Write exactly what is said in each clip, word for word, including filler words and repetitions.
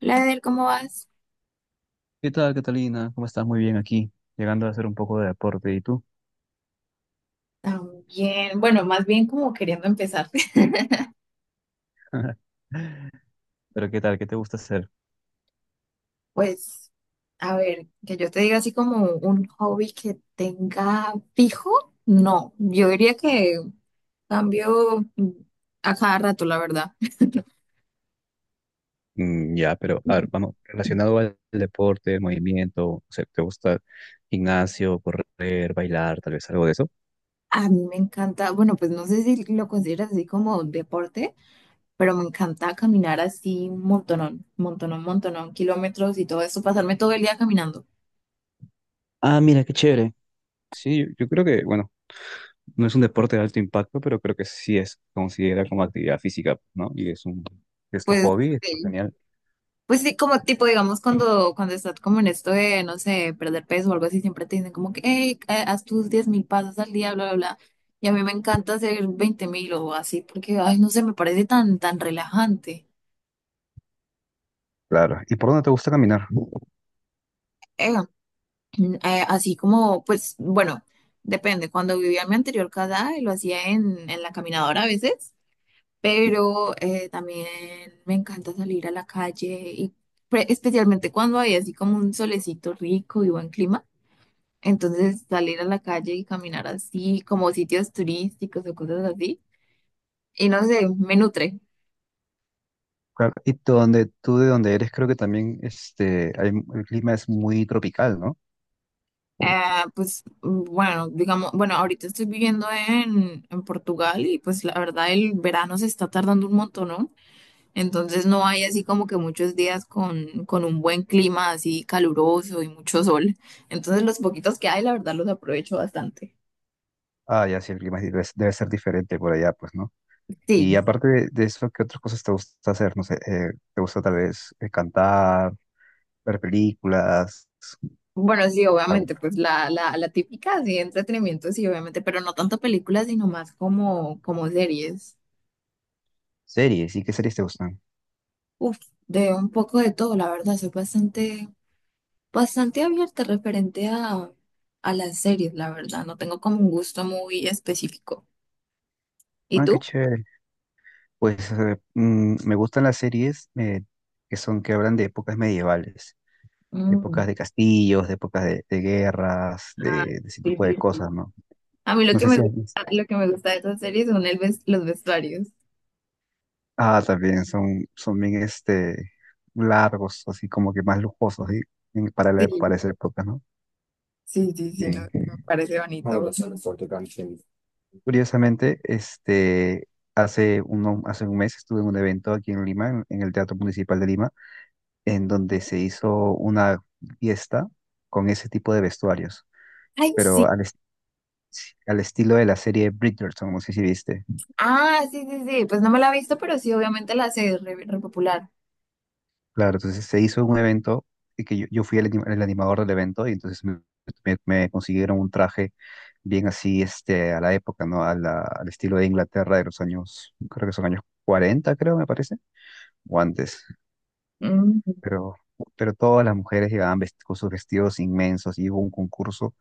Hola, Adel, ¿cómo vas? ¿Qué tal, Catalina? ¿Cómo estás? Muy bien aquí, llegando a hacer un poco de deporte. ¿Y tú? También, bueno, más bien como queriendo empezar. Pero ¿qué tal? ¿Qué te gusta hacer? Pues, a ver, que yo te diga así como un hobby que tenga fijo, no, yo diría que cambio a cada rato, la verdad. Mm, ya, pero a ver, vamos, relacionado al deporte, el movimiento, o sea, ¿te gusta gimnasio, correr, bailar, tal vez algo de eso? A mí me encanta, bueno, pues no sé si lo consideras así como deporte, pero me encanta caminar así un montonón, montonón, montonón, kilómetros y todo eso, pasarme todo el día caminando. Ah, mira, qué chévere. Sí, yo, yo creo que, bueno, no es un deporte de alto impacto, pero creo que sí es considera como actividad física, ¿no? Y es un, es tu Pues, hobby, está sí. genial. Pues sí, como tipo, digamos, cuando, cuando estás como en esto de, no sé, perder peso o algo así, siempre te dicen como que, hey, eh, haz tus diez mil pasos al día, bla, bla, bla. Y a mí me encanta hacer veinte mil o así, porque, ay, no sé, me parece tan, tan relajante. Claro. ¿Y por dónde te gusta caminar? Eh, mm, eh, Así como, pues, bueno, depende. Cuando vivía en mi anterior casa, eh, lo hacía en, en la caminadora a veces, pero eh, también me encanta salir a la calle y pre- especialmente cuando hay así como un solecito rico y buen clima. Entonces salir a la calle y caminar así, como sitios turísticos o cosas así, y no sé, me nutre. Claro, y tú, donde, tú de donde eres, creo que también este, hay- el clima es muy tropical, ¿no? Ah, pues mm, bueno, digamos, bueno, ahorita estoy viviendo en, en Portugal y pues la verdad el verano se está tardando un montón, ¿no? Entonces no hay así como que muchos días con, con un buen clima así caluroso y mucho sol. Entonces los poquitos que hay, la verdad los aprovecho bastante. Ah, ya sí, el clima debe, debe ser diferente por allá, pues, ¿no? Y Sí. aparte de, de eso, ¿qué otras cosas te gusta hacer? No sé, eh, ¿te gusta tal vez eh, cantar, ver películas, Bueno, sí, algo- obviamente, pues la, la, la típica, sí, entretenimiento, sí, obviamente, pero no tanto películas, sino más como, como series. series? ¿Y qué series te gustan? Uf, de un poco de todo, la verdad, soy bastante, bastante abierta referente a, a las series, la verdad, no tengo como un gusto muy específico. ¿Y Ah, qué tú? chévere. Pues eh, mm, me gustan las series eh, que son, que hablan de épocas medievales, de Mm, épocas de castillos, de épocas de, de guerras, ah, de, de ese sí, tipo sí, de sí. cosas, ¿no? A mí lo No que sé me si has visto. gusta, lo que me gusta de esas series son el ves- los vestuarios. Ah, también son, son bien este, largos, así como que más lujosos, ¿sí? En- Para, Sí, la- para esa época, ¿no? sí, sí, sí, no, Sí. me parece, ah, bonito, ay, sí. Curiosamente, este, hace, uno, hace un mes estuve en un evento aquí en Lima, en, en el Teatro Municipal de Lima, en donde se hizo una fiesta con ese tipo de vestuarios, pero al, est- al estilo de la serie Bridgerton, no sé si viste. Ah, sí, sí, sí. Pues no me la he visto, pero sí, obviamente la sé, es re, re popular. Claro, entonces se hizo un evento y que yo, yo fui el, anim- el animador del evento y entonces me, me- me consiguieron un traje bien así este, a la época, ¿no? A la- al estilo de Inglaterra de los años, creo que son años cuarenta creo, me parece, o antes. Mm, Pero, pero todas las mujeres llegaban vest- con sus vestidos inmensos y hubo un concurso,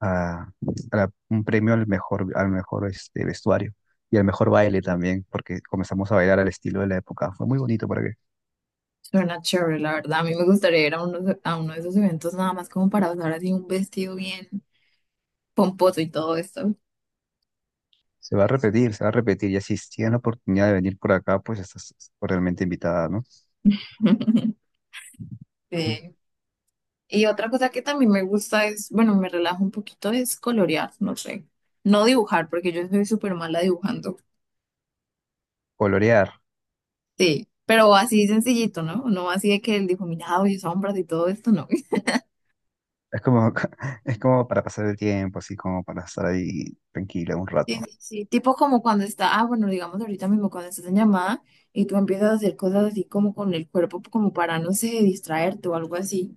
a, a la- un premio al mejor, al mejor este, vestuario y al mejor baile también, porque comenzamos a bailar al estilo de la época. Fue muy bonito para suena chévere, la verdad. A mí me gustaría ir a uno, de- a uno de esos eventos nada más como para usar así un vestido bien pomposo y todo esto. Se va a repetir, se va a repetir. Y así, si tienes la oportunidad de venir por acá, pues estás realmente invitada, ¿no? Mm. Sí. Y otra cosa que también me gusta es, bueno, me relajo un poquito, es colorear, no sé. No dibujar, porque yo soy súper mala dibujando. Colorear. Sí, pero así sencillito, ¿no? No así de que el difuminado y sombras y todo esto, no. Es como, es como para pasar el tiempo, así como para estar ahí tranquila un Sí, rato. sí, sí, tipo como cuando está, ah, bueno, digamos ahorita mismo cuando estás en llamada y tú empiezas a hacer cosas así como con el cuerpo, como para, no sé, distraerte o algo así,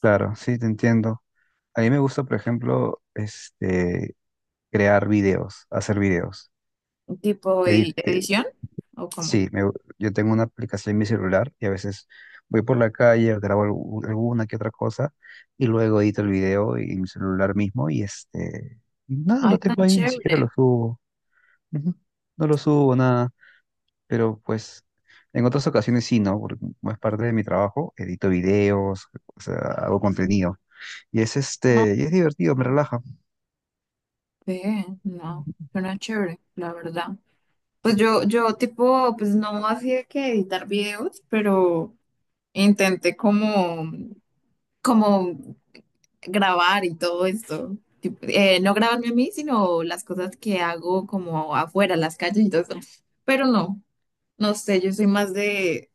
Claro, sí, te entiendo. A mí me gusta, por ejemplo, este, crear videos, hacer videos. tipo e- edición o como, Sí, me- yo tengo una aplicación en mi celular y a veces voy por la calle, grabo algu- alguna que otra cosa y luego edito el video en mi celular mismo y este, nada, ay, lo tengo tan ahí, ni chévere, siquiera lo subo. Ujú. No lo subo, nada, pero pues en otras ocasiones sí, ¿no? Porque como es parte de mi trabajo, edito videos, o sea, hago contenido y es ah, este, y es divertido, me relaja. ve, no, suena chévere, la verdad. Pues yo, yo tipo, pues no hacía que editar videos, pero intenté como como grabar y todo esto. Tipo, eh, no grabarme a mí, sino las cosas que hago como afuera, las calles y todo eso. Pero no, no sé, yo soy más de,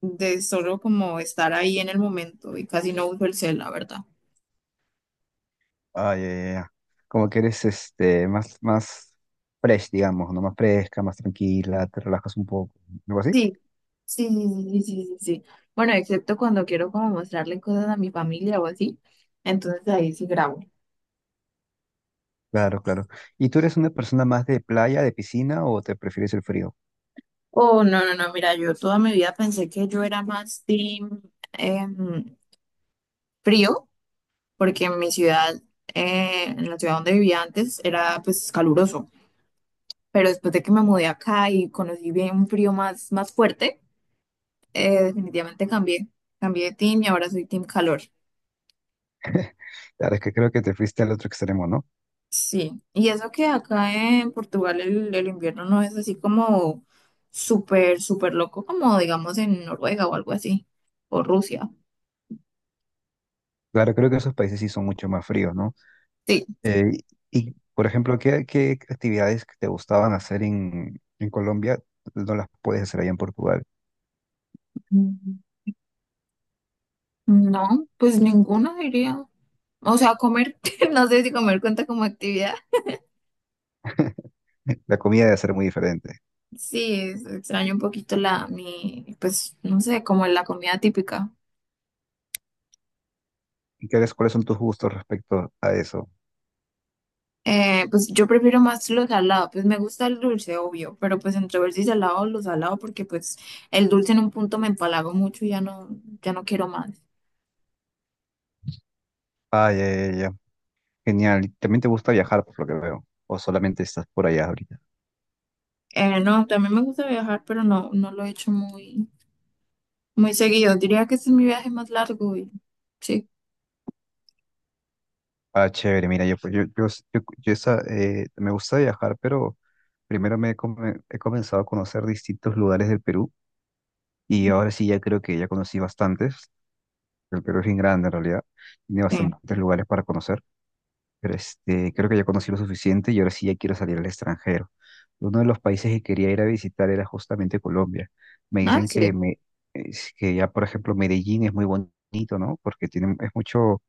de solo como estar ahí en el momento y casi no uso el cel, la verdad. Ah, ya, ya, ya. Como que eres este, más, más fresh, digamos, ¿no? Más fresca, más tranquila, te relajas un poco, algo así. Sí, sí, sí, sí, sí, sí, sí. Bueno, excepto cuando quiero como mostrarle cosas a mi familia o así, entonces ahí sí grabo. Claro, claro. ¿Y tú eres una persona más de playa, de piscina o te prefieres el frío? Oh, no, no, no, mira, yo toda mi vida pensé que yo era más team em, frío, porque en mi ciudad, eh, en la ciudad donde vivía antes, era pues caluroso, pero después de que me mudé acá y conocí bien un frío más, más fuerte, eh, definitivamente cambié, cambié de team y ahora soy team calor. Claro, es que creo que te fuiste al otro extremo, ¿no? Sí, y eso que acá en Portugal el, el invierno no es así como súper, súper loco como digamos en Noruega o algo así, o Rusia. Claro, creo que esos países sí son mucho más fríos, ¿no? Sí. Eh, y, por ejemplo, ¿qué, qué actividades que te gustaban hacer en, en Colombia no las puedes hacer allá en Portugal? Mm, no, pues ninguno diría. O sea, comer, no sé si comer cuenta como actividad. La comida debe ser muy diferente. Sí, es- extraño un poquito la, mi, pues, no sé, como la comida típica. ¿Y qué, cuáles son tus gustos respecto a eso? Eh, pues yo prefiero más lo salado, pues me gusta el dulce, obvio, pero pues entre ver si salado o lo salado, porque pues el dulce en un punto me empalago mucho y ya no, ya no quiero más. Ah, ya, ya, ya. Genial. ¿Y también te gusta viajar, por lo que veo? O solamente estás por allá ahorita. Eh, no, también me gusta viajar, pero no, no lo he hecho muy, muy seguido. Diría que este es mi viaje más largo y sí, Ah, chévere. Mira, yo, pues, yo, yo, yo- yo esa, eh, me gusta viajar, pero primero me he, come- he comenzado a conocer distintos lugares del Perú y ahora sí ya creo que ya conocí bastantes. El Perú es bien grande en realidad. Tiene eh, bastantes lugares para conocer. Pero este, creo que ya conocí lo suficiente y ahora sí ya quiero salir al extranjero. Uno de los países que quería ir a visitar era justamente Colombia. Me ah, dicen que, sí. me, es que ya, por ejemplo, Medellín es muy bonito, ¿no? Porque tiene, es mucho,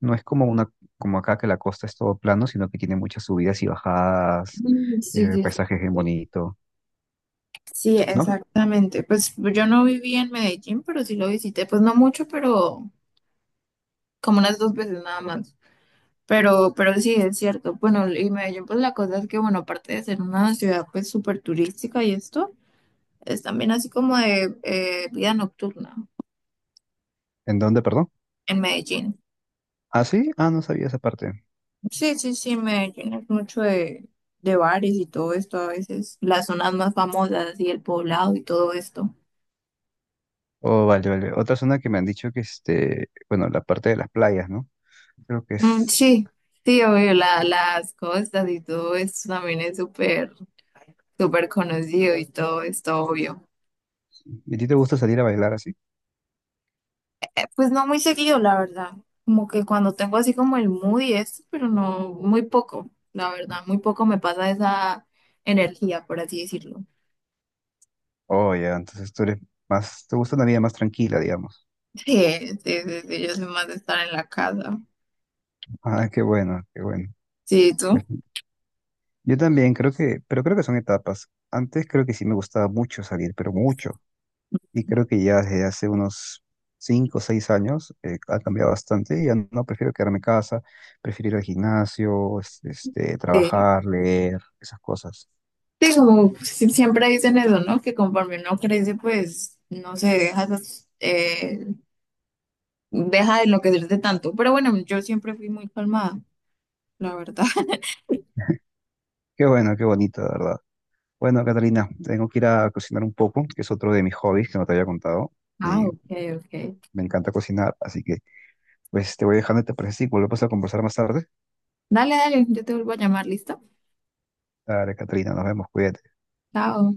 no es como una, como acá que la costa es todo plano, sino que tiene muchas subidas y bajadas, Mm, sí, eh, sí, sí, paisajes bien sí. bonitos, Sí, ¿no? exactamente. Pues yo no viví en Medellín, pero sí lo visité, pues no mucho, pero como unas dos veces nada más. Pero, pero sí, es cierto. Bueno, y Medellín, pues la cosa es que, bueno, aparte de ser una ciudad pues súper turística y esto, es también así como de eh, vida nocturna ¿En dónde, perdón? en Medellín. Ah, sí, ah, no sabía esa parte. Sí, sí, sí, Medellín es mucho de, de bares y todo esto a veces, las zonas más famosas y el poblado y todo esto. Oh, vale, vale. Otra zona que me han dicho que, este, bueno, la parte de las playas, ¿no? Creo que Mm, es. sí, sí, obvio, la- las costas y todo esto también es súper, súper conocido y todo esto, obvio. ¿Y a ti te gusta salir a bailar así? Pues no muy seguido, la verdad. Como que cuando tengo así como el mood y esto, pero no, muy poco, la verdad, muy poco me pasa esa energía, por así decirlo. Oh, ya, entonces tú eres más, te gusta una vida más tranquila, digamos. Sí, sí, sí, sí, yo soy más de estar en la casa. Ah, qué bueno, qué bueno. Sí, Pues, ¿tú? yo también creo que, pero creo que son etapas. Antes creo que sí me gustaba mucho salir, pero mucho. Y creo que ya desde hace unos cinco o seis años eh, ha cambiado bastante. Y ya no prefiero quedarme en casa, prefiero ir al gimnasio, es- este, trabajar, leer, esas cosas. Sí, como si- siempre dicen eso, ¿no? Que conforme uno crece, pues, no sé, deja esas, eh, deja de enloquecerse tanto. Pero bueno, yo siempre fui muy calmada, la verdad. Qué bueno, qué bonito, de verdad. Bueno, Catalina, tengo que ir a cocinar un poco, que es otro de mis hobbies que no te había contado. Ah, Y ok, ok. me encanta cocinar, así que Pues te voy dejando, ¿te parece? Y volvemos a conversar más tarde. Dale, dale, yo te vuelvo a llamar, ¿listo? Dale, Catrina, nos vemos, cuídate. Chao.